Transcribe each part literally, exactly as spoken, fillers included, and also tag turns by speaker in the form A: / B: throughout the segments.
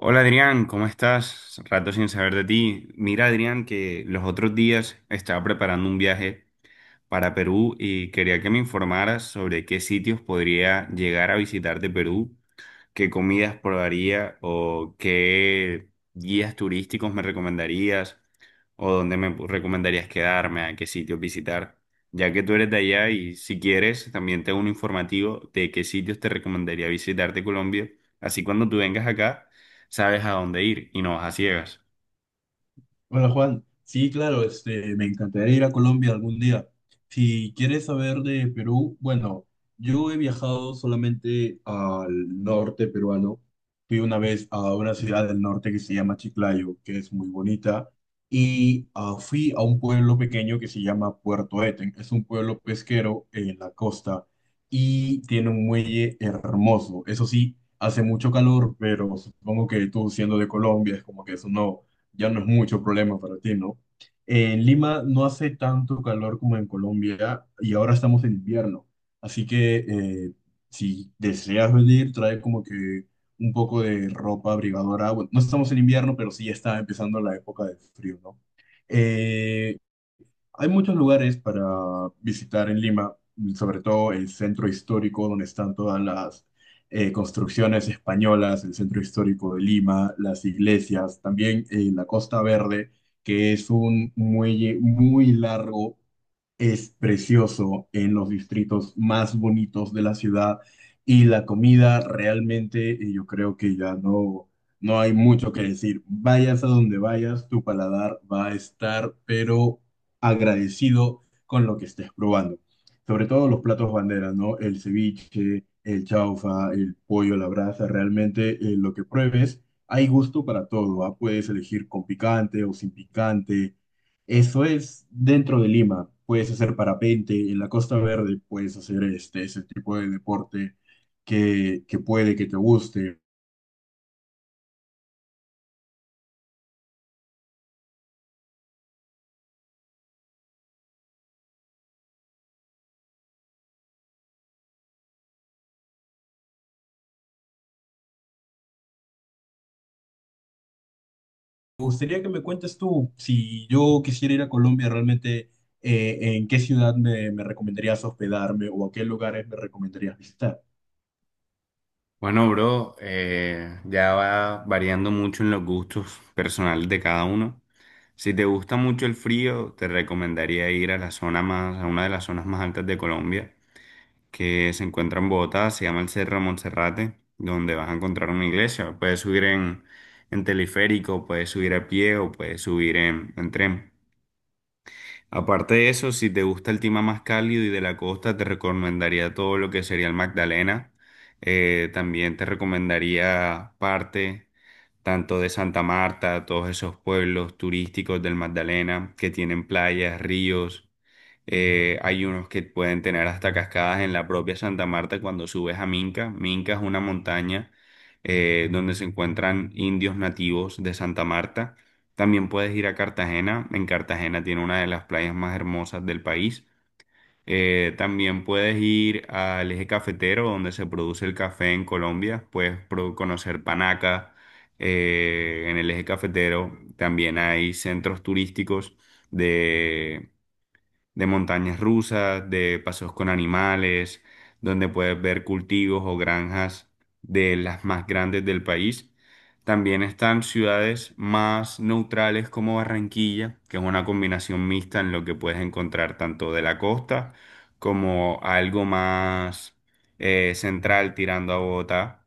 A: Hola Adrián, ¿cómo estás? Rato sin saber de ti. Mira Adrián, que los otros días estaba preparando un viaje para Perú y quería que me informaras sobre qué sitios podría llegar a visitar de Perú. ¿Qué comidas probaría o qué guías turísticos me recomendarías o dónde me recomendarías quedarme, a qué sitios visitar? Ya que tú eres de allá y si quieres, también tengo un informativo de qué sitios te recomendaría visitar de Colombia. Así cuando tú vengas acá, sabes a dónde ir y no vas a ciegas.
B: Hola Juan, sí, claro, este, me encantaría ir a Colombia algún día. Si quieres saber de Perú, bueno, yo he viajado solamente al norte peruano. Fui una vez a una ciudad del norte que se llama Chiclayo, que es muy bonita, y ah, fui a un pueblo pequeño que se llama Puerto Eten. Es un pueblo pesquero en la costa y tiene un muelle hermoso. Eso sí, hace mucho calor, pero supongo que tú, siendo de Colombia, es como que eso no ya no es mucho problema para ti, ¿no? En Lima no hace tanto calor como en Colombia y ahora estamos en invierno. Así que, eh, si deseas venir, trae como que un poco de ropa abrigadora. Bueno, no estamos en invierno, pero sí ya está empezando la época de frío, ¿no? Eh, hay muchos lugares para visitar en Lima, sobre todo el centro histórico, donde están todas las eh, construcciones españolas, el centro histórico de Lima, las iglesias, también eh, la Costa Verde, que es un muelle muy largo, es precioso, en los distritos más bonitos de la ciudad. Y la comida, realmente, eh, yo creo que ya no, no hay mucho que decir. Vayas a donde vayas, tu paladar va a estar pero agradecido con lo que estés probando. Sobre todo los platos banderas, ¿no? El ceviche, el chaufa, el pollo a la brasa. Realmente, eh, lo que pruebes, hay gusto para todo, ¿ah? Puedes elegir con picante o sin picante. Eso es dentro de Lima. Puedes hacer parapente en la Costa Verde, puedes hacer este, ese tipo de deporte que, que puede que te guste. Me gustaría que me cuentes tú, si yo quisiera ir a Colombia, realmente, eh, ¿en qué ciudad me, me recomendarías hospedarme o a qué lugares me recomendarías visitar?
A: Bueno, bro, eh, ya va variando mucho en los gustos personales de cada uno. Si te gusta mucho el frío, te recomendaría ir a la zona más, a una de las zonas más altas de Colombia, que se encuentra en Bogotá, se llama el Cerro Monserrate, donde vas a encontrar una iglesia. Puedes subir en, en teleférico, puedes subir a pie o puedes subir en, en tren. Aparte de eso, si te gusta el clima más cálido y de la costa, te recomendaría todo lo que sería el Magdalena. Eh, también te recomendaría parte tanto de Santa Marta, todos esos pueblos turísticos del Magdalena que tienen playas, ríos. Eh, hay unos que pueden tener hasta cascadas en la propia Santa Marta cuando subes a Minca. Minca es una montaña eh, donde se encuentran indios nativos de Santa Marta. También puedes ir a Cartagena. En Cartagena tiene una de las playas más hermosas del país. Eh, también puedes ir al eje cafetero donde se produce el café en Colombia. Puedes pro- conocer Panaca. Eh, en el eje cafetero también hay centros turísticos de montañas rusas, de paseos con animales, donde puedes ver cultivos o granjas de las más grandes del país. También están ciudades más neutrales como Barranquilla, que es una combinación mixta en lo que puedes encontrar tanto de la costa como algo más eh, central tirando a Bogotá.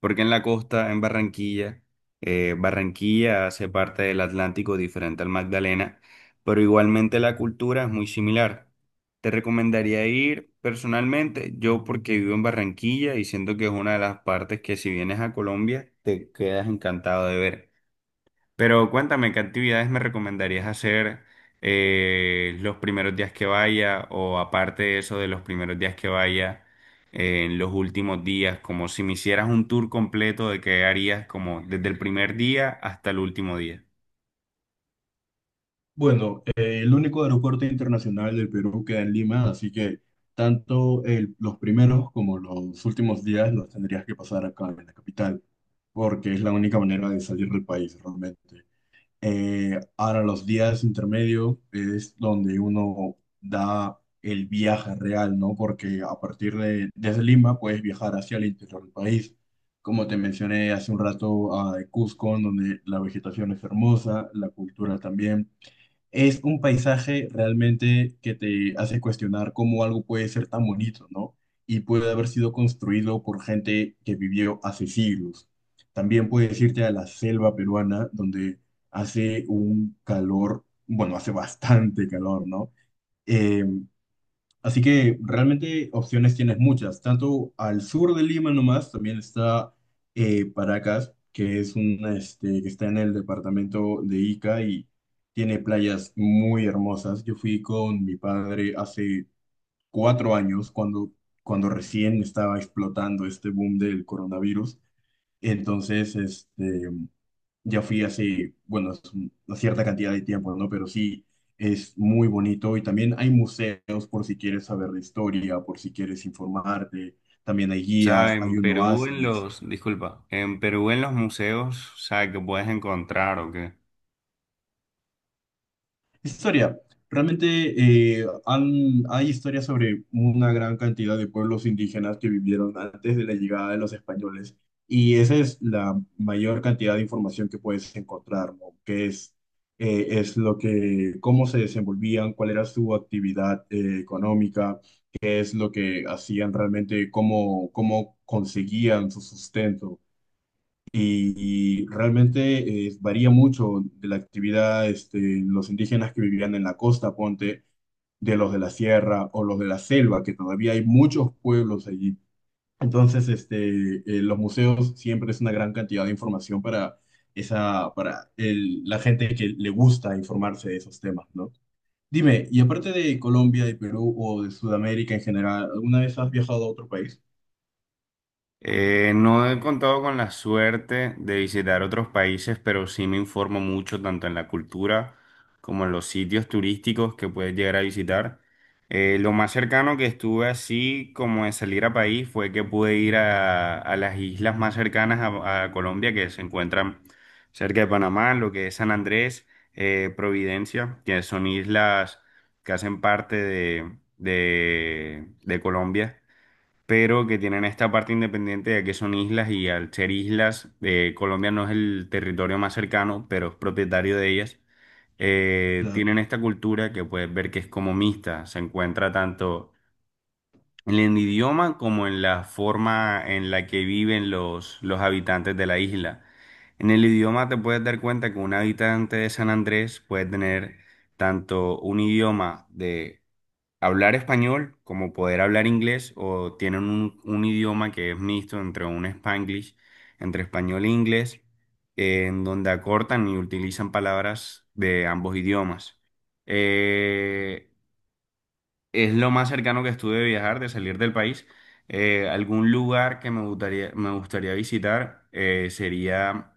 A: Porque en la costa, en Barranquilla, eh, Barranquilla hace parte del Atlántico diferente al Magdalena, pero igualmente la cultura es muy similar. Te recomendaría ir personalmente, yo porque vivo en Barranquilla y siento que es una de las partes que si vienes a Colombia te quedas encantado de ver. Pero cuéntame, ¿qué actividades me recomendarías hacer eh, los primeros días que vaya o aparte de eso de los primeros días que vaya, eh, en los últimos días, como si me hicieras un tour completo de qué harías como desde el primer día hasta el último día?
B: Bueno, eh, el único aeropuerto internacional del Perú queda en Lima, así que tanto el- los primeros como los últimos días los tendrías que pasar acá en la capital, porque es la única manera de salir del país realmente. Eh, ahora los días intermedios es donde uno da el viaje real, ¿no? Porque a partir de desde Lima puedes viajar hacia el interior del país. Como te mencioné hace un rato, a Cusco, donde la vegetación es hermosa, la cultura también, es un paisaje realmente que te hace cuestionar cómo algo puede ser tan bonito, ¿no? Y puede haber sido construido por gente que vivió hace siglos. También puedes irte a la selva peruana, donde hace un calor, bueno, hace bastante calor, ¿no? Eh, Así que realmente opciones tienes muchas. Tanto al sur de Lima nomás, también está eh, Paracas, que es un, este, que está en el departamento de Ica y tiene playas muy hermosas. Yo fui con mi padre hace cuatro años, cuando, cuando recién estaba explotando este boom del coronavirus. Entonces, este, ya fui hace, bueno, es un- una cierta cantidad de tiempo, ¿no? Pero sí, es muy bonito y también hay museos, por si quieres saber de historia, por si quieres informarte, también hay
A: O sea,
B: guías,
A: en
B: hay un
A: Perú, en
B: oasis.
A: los, disculpa, en Perú, en los museos, o sea, ¿que puedes encontrar o qué?
B: Historia. Realmente, eh, han- hay historias sobre una gran cantidad de pueblos indígenas que vivieron antes de la llegada de los españoles, y esa es la mayor cantidad de información que puedes encontrar, ¿no? Que es, eh, es lo que, cómo se desenvolvían, cuál era su actividad, eh, económica, es lo que hacían realmente, cómo, cómo conseguían su sustento. Y realmente, eh, varía mucho de la actividad, este, los indígenas que vivían en la costa, ponte, de los de la sierra o los de la selva, que todavía hay muchos pueblos allí. Entonces, este, eh, los museos siempre es una gran cantidad de información para, esa, para el- la gente que le gusta informarse de esos temas, ¿no? Dime, y aparte de Colombia, de Perú o de Sudamérica en general, ¿alguna vez has viajado a otro país?
A: Eh, no he contado con la suerte de visitar otros países, pero sí me informo mucho tanto en la cultura como en los sitios turísticos que puedes llegar a visitar. Eh, lo más cercano que estuve así como de salir a país fue que pude ir a, a las islas más cercanas a, a Colombia que se encuentran cerca de Panamá, lo que es San Andrés, eh, Providencia, que son islas que hacen parte de, de de Colombia pero que tienen esta parte independiente de que son islas y al ser islas, eh, Colombia no es el territorio más cercano, pero es propietario de ellas. Eh, tienen esta cultura que puedes ver que es como mixta, se encuentra tanto en el idioma como en la forma en la que viven los, los habitantes de la isla. En el idioma te puedes dar cuenta que un habitante de San Andrés puede tener tanto un idioma de hablar español como poder hablar inglés o tienen un, un idioma que es mixto entre un Spanglish, entre español e inglés, eh, en donde acortan y utilizan palabras de ambos idiomas. Eh, es lo más cercano que estuve de viajar, de salir del país. Eh, algún lugar que me gustaría, me gustaría visitar eh, sería,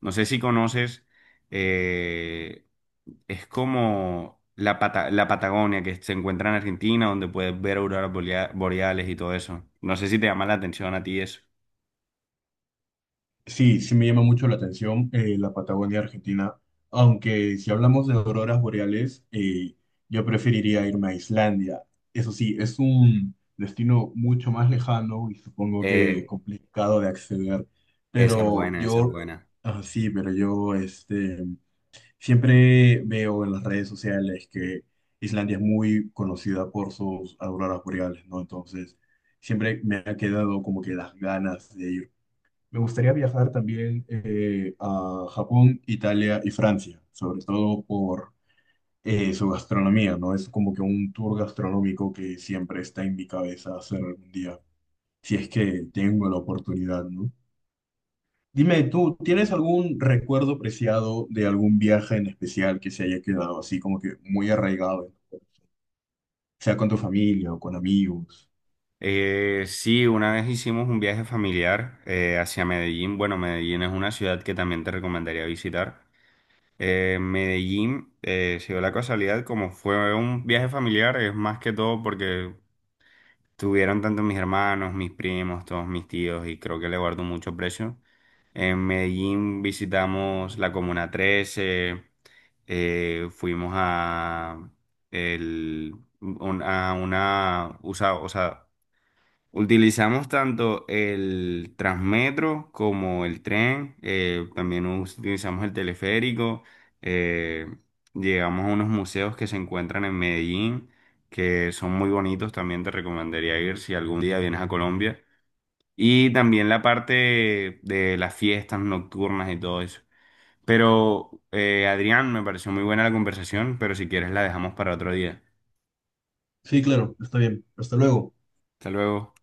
A: no sé si conoces, eh, es como la, Pata- la Patagonia que se encuentra en Argentina, donde puedes ver auroras bolea- boreales y todo eso. No sé si te llama la atención a ti eso.
B: Sí, sí me llama mucho la atención, eh, la Patagonia Argentina, aunque si hablamos de auroras boreales, eh, yo preferiría irme a Islandia. Eso sí, es un destino mucho más lejano y supongo que
A: Eh,
B: complicado de acceder,
A: Esa es
B: pero
A: buena, esa es
B: yo,
A: buena.
B: ah, sí, pero yo, este, siempre veo en las redes sociales que Islandia es muy conocida por sus auroras boreales, ¿no? Entonces, siempre me ha quedado como que las ganas de ir. Me gustaría viajar también, eh, a Japón, Italia y Francia, sobre todo por eh, su gastronomía, ¿no? Es como que un tour gastronómico que siempre está en mi cabeza hacer algún día, si es que tengo la oportunidad, ¿no? Dime, ¿tú tienes algún recuerdo preciado de algún viaje en especial que se haya quedado así como que muy arraigado, sea con tu familia o con amigos?
A: Eh, sí, una vez hicimos un viaje familiar eh, hacia Medellín. Bueno, Medellín es una ciudad que también te recomendaría visitar. Eh, Medellín, eh, se dio la casualidad, como fue un viaje familiar, es más que todo porque tuvieron tanto mis hermanos, mis primos, todos mis tíos y creo que le guardo mucho precio. En Medellín visitamos la Comuna trece, eh, fuimos a, el, un- a una, usa- o sea, utilizamos tanto el Transmetro como el tren, eh, también us- utilizamos el teleférico, eh, llegamos a unos museos que se encuentran en Medellín, que son muy bonitos, también te recomendaría ir si algún día vienes a Colombia, y también la parte de las fiestas nocturnas y todo eso. Pero, eh, Adrián, me pareció muy buena la conversación, pero si quieres la dejamos para otro día.
B: Sí, claro, está bien. Hasta luego.
A: Hasta luego.